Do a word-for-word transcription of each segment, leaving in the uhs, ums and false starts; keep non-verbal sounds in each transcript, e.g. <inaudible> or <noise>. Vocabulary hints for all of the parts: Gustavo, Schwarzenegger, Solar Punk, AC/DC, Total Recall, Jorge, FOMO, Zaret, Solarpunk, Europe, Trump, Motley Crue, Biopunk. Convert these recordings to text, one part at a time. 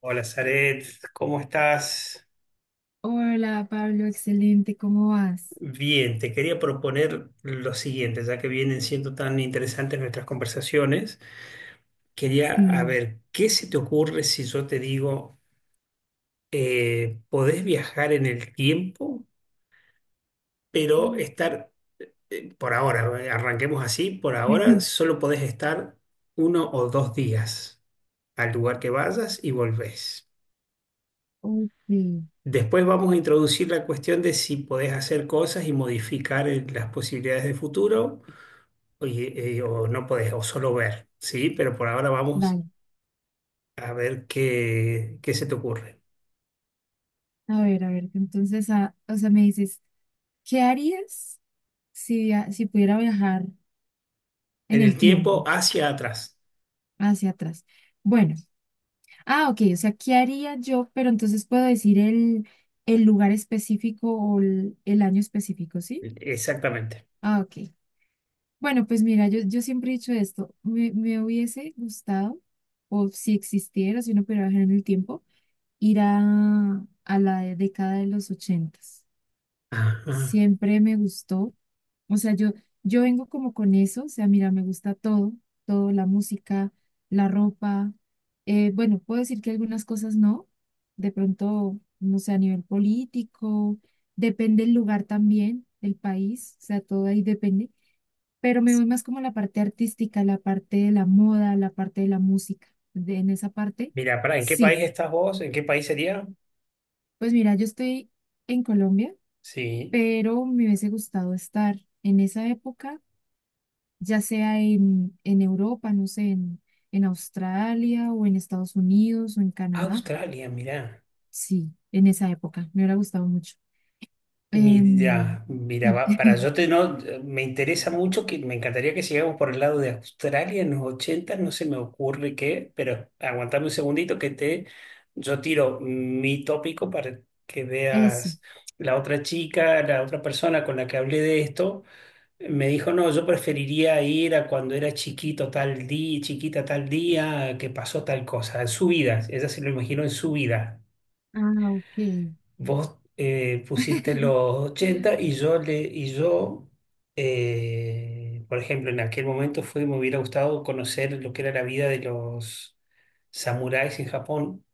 Hola, Zaret, ¿cómo estás? Hola Pablo, excelente, ¿cómo vas? Bien, te quería proponer lo siguiente, ya que vienen siendo tan interesantes nuestras conversaciones, quería a Sí. ver, ¿qué se te ocurre si yo te digo, eh, podés viajar en el tiempo, pero Mm. estar, eh, por ahora, eh, arranquemos así, por ahora <laughs> solo podés estar uno o dos días al lugar que vayas y volvés? Ok, Después vamos a introducir la cuestión de si podés hacer cosas y modificar eh, las posibilidades de futuro o, y- eh, o no podés, o solo ver, ¿sí? Pero por ahora vamos dale. a ver qué, qué se te ocurre. A ver, a ver, entonces, ah, o sea, me dices, ¿qué harías si, via- si pudiera viajar En en el el tiempo tiempo hacia atrás. hacia atrás? Bueno, ah, ok, o sea, ¿qué haría yo? Pero entonces puedo decir el, el lugar específico o el, el año específico, ¿sí? Exactamente. Ah, ok. Bueno, pues mira, yo, yo siempre he dicho esto, me, me hubiese gustado, o si existiera, si uno pudiera viajar en el tiempo ir a, a la década de los ochentas. Ajá. Siempre me gustó. O sea, yo, yo vengo como con eso. O sea, mira, me gusta todo, todo, la música, la ropa. Eh, bueno, puedo decir que algunas cosas no. De pronto, no sé, a nivel político, depende el lugar también, el país, o sea, todo ahí depende. Pero me voy más como a la parte artística, la parte de la moda, la parte de la música. De- en esa parte, Mira, pará, ¿en qué sí. país estás vos? ¿En qué país sería? Pues mira, yo estoy en Colombia, Sí. pero me hubiese gustado estar en esa época, ya sea en, en Europa, no sé, en, en Australia o en Estados Unidos o en Canadá. Australia, mirá. Sí, en esa época, me hubiera gustado mucho. Em, Mira, mira, sí, va- para <laughs> yo te no, me interesa mucho, que me encantaría que sigamos por el lado de Australia en los ochenta. No se me ocurre qué, pero aguantame un segundito que te, yo tiro mi tópico para que eso. veas la otra chica, la otra persona con la que hablé de esto, me dijo, "No, yo preferiría ir a cuando era chiquito tal día, chiquita tal día, que pasó tal cosa en su vida." Ella se lo imaginó en su vida. Ah, ok. Vos eh, pusiste <laughs> los ochenta y yo le y yo eh, por ejemplo en aquel momento fue, me hubiera gustado conocer lo que era la vida de los samuráis en Japón,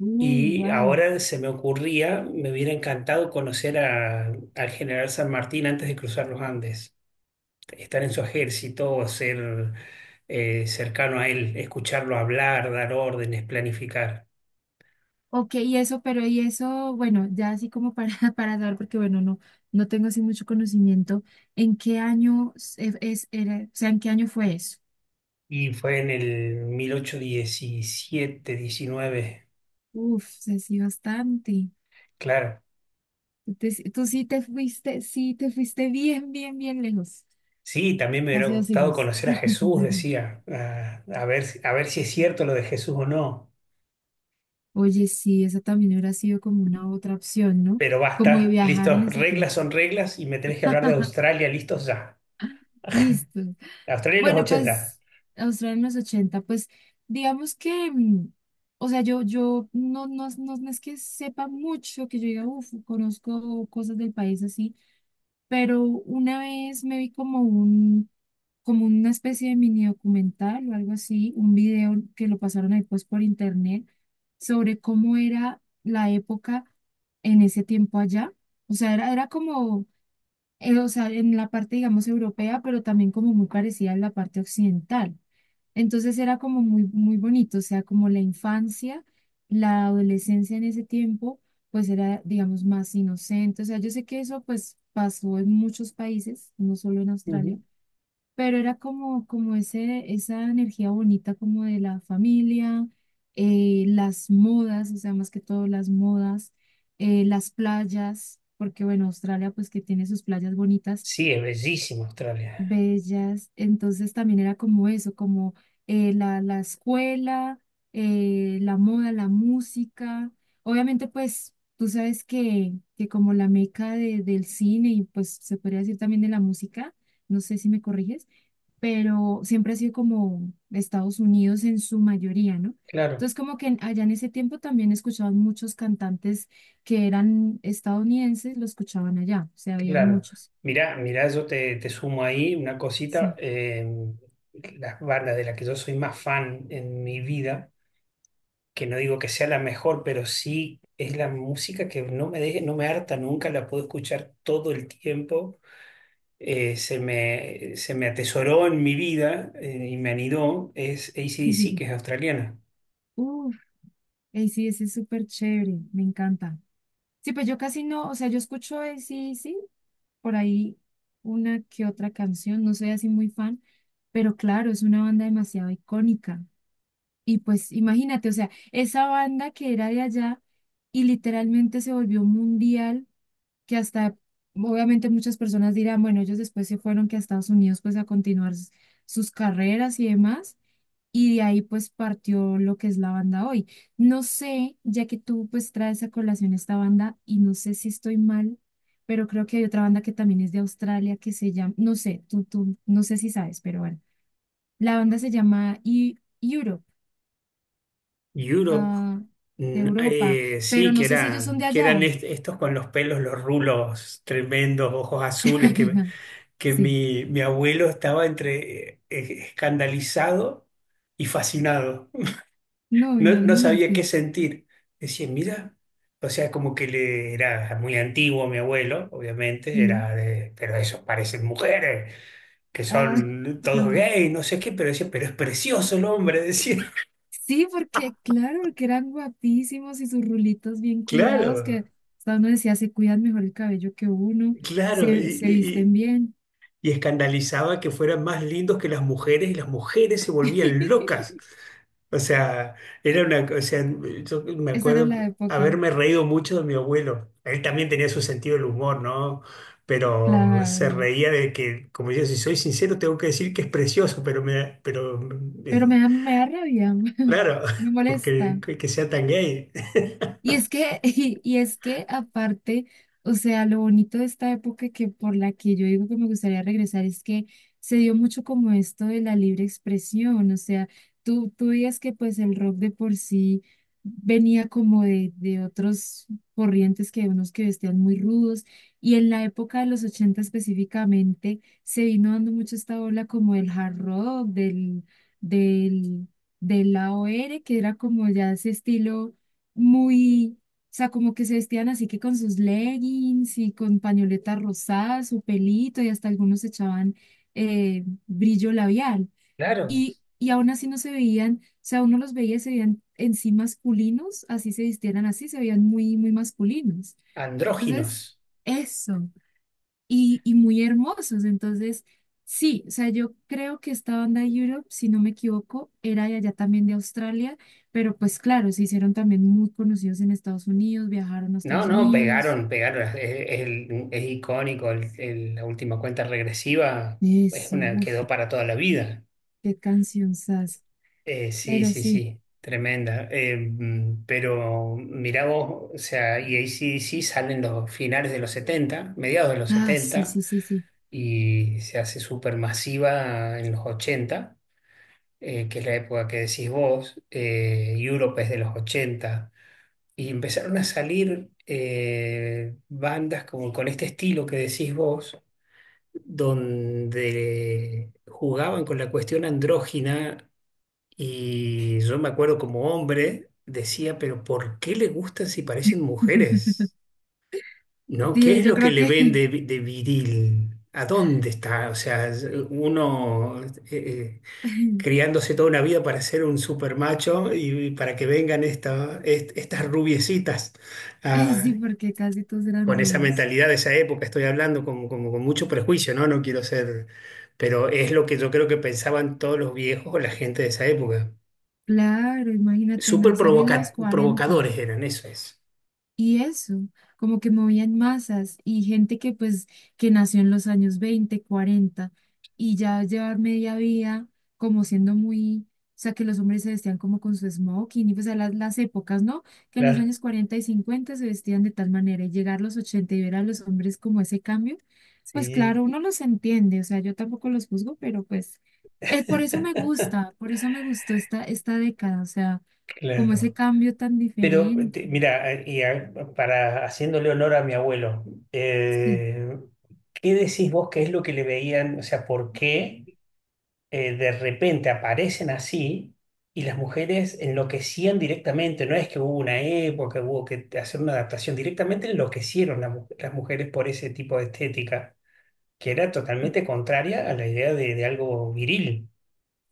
Uh, y wow. ahora se me ocurría, me hubiera encantado conocer a- al general San Martín antes de cruzar los Andes, estar en su ejército, ser eh, cercano a él, escucharlo hablar, dar órdenes, planificar. Ok, y eso, pero y eso, bueno, ya así como para, <laughs> para dar, porque bueno, no, no tengo así mucho conocimiento, ¿en qué año es, es- era, o sea, en qué año fue eso? Y fue en el mil ochocientos diecisiete, diecinueve, Uf, sé sí, bastante. claro. Entonces, tú sí te fuiste, sí te fuiste bien, bien, bien lejos, Sí, también me hubiera casi dos gustado siglos. conocer a Jesús, <laughs> decía, a, a ver, si- a ver si es cierto lo de Jesús o no. Oye, sí, esa también hubiera sido como una otra opción, ¿no? Pero Como de basta, viajar en listo, ese reglas tiempo. son reglas y me tenés que hablar de <laughs> Australia, listos ya. Listo. Australia en los Bueno, ochenta. pues Australia en los ochenta pues digamos que, mm, o sea, yo, yo no, no, no, no es que sepa mucho, que yo diga, uff, conozco cosas del país así, pero una vez me vi como un, como una especie de mini documental o algo así, un video que lo pasaron ahí pues por internet sobre cómo era la época en ese tiempo allá. O sea, era, era como eh, o sea, en la parte, digamos, europea, pero también como muy parecida en la parte occidental. Entonces era como muy, muy bonito, o sea, como la infancia, la adolescencia en ese tiempo, pues era, digamos, más inocente. O sea, yo sé que eso pues pasó en muchos países, no solo en Australia, Ujú. pero era como, como ese, esa energía bonita como de la familia, eh, las modas, o sea, más que todo las modas, eh, las playas, porque bueno, Australia pues que tiene sus playas bonitas, Sí, es bellísimo Australia. bellas, entonces también era como eso, como eh, la, la escuela, eh, la moda, la música, obviamente pues tú sabes que, que como la meca de- del cine y pues se podría decir también de la música, no sé si me corriges, pero siempre ha sido como de Estados Unidos en su mayoría, ¿no? Claro, Entonces, como que en- allá en ese tiempo también escuchaban muchos cantantes que eran estadounidenses, lo escuchaban allá, o sea, habían claro. muchos. Mirá, mirá, yo te, te sumo ahí una cosita. Sí, eh, Las bandas de las que yo soy más fan en mi vida, que no digo que sea la mejor, pero sí es la música que no me deje, no me harta nunca, la puedo escuchar todo el tiempo. Eh, se me, se me atesoró en mi vida, eh, y me anidó, es sí, sí. A C/D C, Sí. que es australiana. Uf, A C/D C es súper chévere, me encanta. Sí, pues yo casi no, o sea, yo escucho sí, sí, por ahí una que otra canción, no soy así muy fan, pero claro, es una banda demasiado icónica. Y pues imagínate, o sea, esa banda que era de allá y literalmente se volvió mundial, que hasta, obviamente muchas personas dirán, bueno, ellos después se fueron que a Estados Unidos pues a continuar s- sus carreras y demás, y de ahí pues partió lo que es la banda hoy. No sé, ya que tú pues traes a colación esta banda y no sé si estoy mal, pero creo que hay otra banda que también es de Australia que se llama, no sé, tú, tú, no sé si sabes, pero bueno, la banda se llama... E- Europe, Europe, ah, de mm, Europa, eh, sí, pero que no sé si ellos son eran, de que eran allá. est- estos con los pelos, los rulos tremendos, ojos azules, que, <laughs> que Sí, mi, mi abuelo estaba entre eh, escandalizado y fascinado. no, No, no sabía qué imagínate. sentir. Decía, mira, o sea, como que le era muy antiguo mi abuelo, obviamente, Sí, era de, pero esos parecen mujeres, que ah, son todos <laughs> gays, no sé qué, pero decía, pero es precioso el hombre, decía. <laughs> sí, porque claro, porque eran guapísimos y sus rulitos bien cuidados, Claro, que hasta uno decía, se cuidan mejor el cabello que uno, claro, y, se, se y, visten y bien. y escandalizaba que fueran más lindos que las mujeres y las mujeres se volvían locas. <laughs> O sea, era una, o sea, yo me Esa era acuerdo la época, haberme reído mucho de mi abuelo. Él también tenía su sentido del humor, ¿no? Pero se claro. reía de que, como yo, si soy sincero, tengo que decir que es precioso, pero me, pero Pero me eh, da, me da rabia, claro, <laughs> me <laughs> porque molesta. que que sea tan gay. Y es que, <laughs> y, y es que aparte, o sea, lo bonito de esta época que por la que yo digo que me gustaría regresar es que se dio mucho como esto de la libre expresión, o sea, tú, tú veías que pues el rock de por sí venía como de, de otros corrientes que unos que vestían muy rudos y en la época de los ochenta específicamente se vino dando mucho esta ola como del hard rock, del, del, del A O r, que era como ya ese estilo muy, o sea, como que se vestían así que con sus leggings y con pañoletas rosadas, su pelito y hasta algunos echaban eh, brillo labial. Claro, Y, y aún así no se veían, o sea, uno los veía y se veían en sí masculinos, así se vistieran así, se veían muy, muy masculinos. Entonces, andróginos. eso y, y muy hermosos. Entonces, sí, o sea, yo creo que esta banda Europe, si no me equivoco, era de allá también de Australia, pero pues claro, se hicieron también muy conocidos en Estados Unidos, viajaron a No, Estados no, Unidos. pegaron, pegaron. Es, es el- es icónico el- el- la última cuenta regresiva. Es Eso, una, uff, quedó para toda la vida. qué cancionzas. Eh, sí, Pero sí, sí, sí, tremenda. Eh, mm, pero mirá vos, o sea, y A C/D C salen los finales de los setenta, mediados de los ah, sí, setenta, sí, sí, sí. y se hace súper masiva en los ochenta, eh, que es la época que decís vos. eh, Europe es de los ochenta, y empezaron a salir eh, bandas como con este estilo que decís vos, donde jugaban con la cuestión andrógina, y yo me acuerdo como hombre, decía, pero ¿por qué le gustan si parecen <laughs> mujeres? ¿No? ¿Qué Sí, es yo lo que creo le ven que de, vi- de viril? ¿A dónde está? O sea, es- uno eh, eh, <laughs> criándose toda una vida para ser un super macho, y para que vengan esta- est- estas rubiecitas, Ey, ah, sí, porque casi todos eran con esa rubios. mentalidad de esa época, estoy hablando como, como con mucho prejuicio, ¿no? No quiero ser, pero es lo que yo creo que pensaban todos los viejos o la gente de esa época. Claro, imagínate Súper nacer en los provoca- cuarenta. provocadores eran, eso es. Y eso, como que movían masas y gente que pues que nació en los años veinte cuarenta y ya llevar media vida como siendo muy, o sea, que los hombres se vestían como con su smoking y pues a las, las épocas, ¿no? Que en los Claro, años cuarenta y cincuenta se vestían de tal manera y llegar a los ochenta y ver a los hombres como ese cambio, pues sí, claro, uno los entiende, o sea, yo tampoco los juzgo, pero pues eh, por eso me gusta, por eso me gustó esta, esta década, o sea, como ese claro. cambio tan Pero diferente. te- mira, eh, y a- para haciéndole honor a mi abuelo, Sí. eh, ¿qué decís vos que es lo que le veían? O sea, ¿por qué eh, de repente aparecen así y las mujeres enloquecían directamente? No es que hubo una época, hubo que hacer una adaptación, directamente enloquecieron las, mu- las mujeres por ese tipo de estética, que era totalmente contraria a la idea de, de algo viril.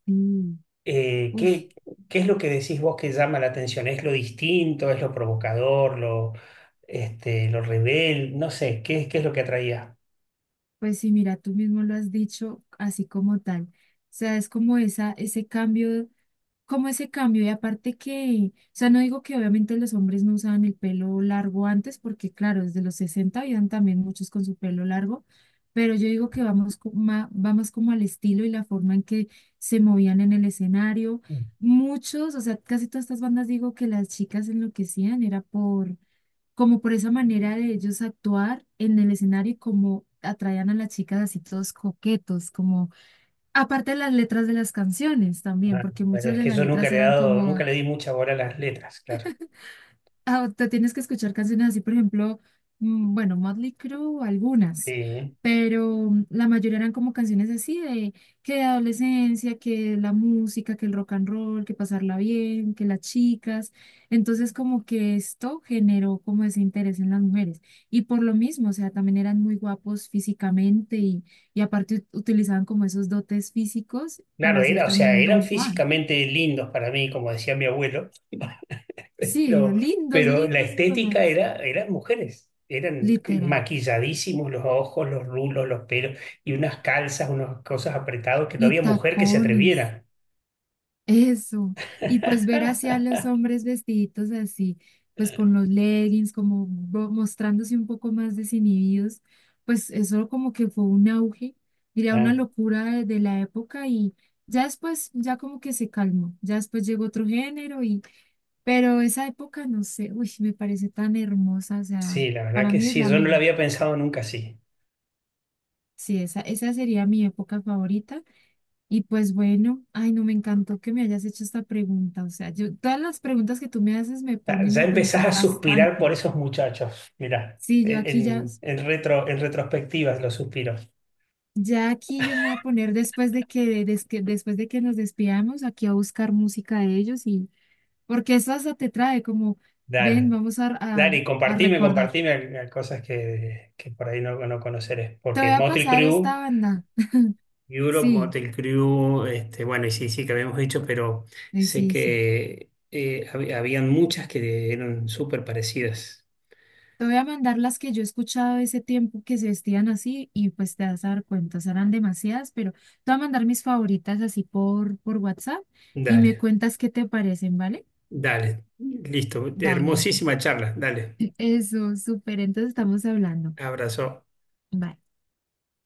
Sí, eh, uf, ¿qué, qué es lo que decís vos que llama la atención? ¿Es lo distinto? ¿Es lo provocador? ¿Lo, este, lo rebel? No sé, ¿qué, qué es lo que atraía? pues sí, mira, tú mismo lo has dicho así como tal. O sea, es como esa, ese cambio, como ese cambio. Y aparte que, o sea, no digo que obviamente los hombres no usaban el pelo largo antes, porque claro, desde los sesenta habían también muchos con su pelo largo, pero yo digo que vamos co- ma- va más como al estilo y la forma en que se movían en el escenario. Muchos, o sea, casi todas estas bandas digo que las chicas enloquecían, era por como por esa manera de ellos actuar en el escenario y como atraían a las chicas así todos coquetos, como aparte de las letras de las canciones también, Ah, porque pero muchas es de que las yo nunca letras le he eran dado, nunca como... le di mucha bola a las letras, claro. Ah, te tienes que escuchar canciones así, por ejemplo, mm, bueno, Motley Crue, algunas, Sí. pero mm, la mayoría eran como canciones así de que de adolescencia, que la música, que el rock and roll, que pasarla bien, que las chicas. Entonces, como que esto generó como ese interés en las mujeres. Y por lo mismo, o sea, también eran muy guapos físicamente y, y aparte ut- utilizaban como esos dotes físicos para Claro, hacer era, o sea, también eran Don Juan. físicamente lindos para mí, como decía mi abuelo, <laughs> Sí, pero, lindos, pero la lindos, estética mamás, era, eran mujeres, eran literal. maquilladísimos los ojos, los rulos, los pelos, y unas calzas, unas cosas apretadas que no Y había mujer que se tacones, atreviera. eso. Y pues ver hacia los <laughs> hombres vestiditos así, pues con los leggings, como bo- mostrándose un poco más desinhibidos, pues eso como que fue un auge, diría una Claro. locura de, de la época y ya después, ya como que se calmó, ya después llegó otro género y, pero esa época, no sé, uy, me parece tan hermosa, o sea, Sí, la verdad para que mí es sí, la yo no lo mejor. había pensado nunca así. Sí, esa, esa sería mi época favorita. Y pues bueno, ay, no me encantó que me hayas hecho esta pregunta. O sea, yo, todas las preguntas que tú me haces me Ya, ponen ya a empezás pensar a suspirar bastante. por esos muchachos. Mirá, Sí, yo en, aquí ya, en- en retro, en retrospectivas los suspiros. ya aquí yo me voy a poner después de que, des- que- después de que nos despidamos, aquí a buscar música de ellos y porque eso hasta te trae como, ven, Dale, vamos a, dale, a, y a compartime, recordar. compartime a- a cosas que, que por ahí no, no conoceré. Te voy Porque a Motel pasar esta Crew, banda. Europe, Sí, Motel Crew, este, bueno, y sí, sí que habíamos dicho, pero ay, sé sí, sí. que eh, hab- habían muchas que eran súper parecidas. Te voy a mandar las que yo he escuchado ese tiempo que se vestían así y pues te vas a dar cuenta, serán demasiadas, pero te voy a mandar mis favoritas así por, por WhatsApp y me Dale. cuentas qué te parecen, ¿vale? Dale, listo. Dale. Hermosísima charla. Dale, <laughs> Eso, súper, entonces estamos hablando. abrazo. Bye.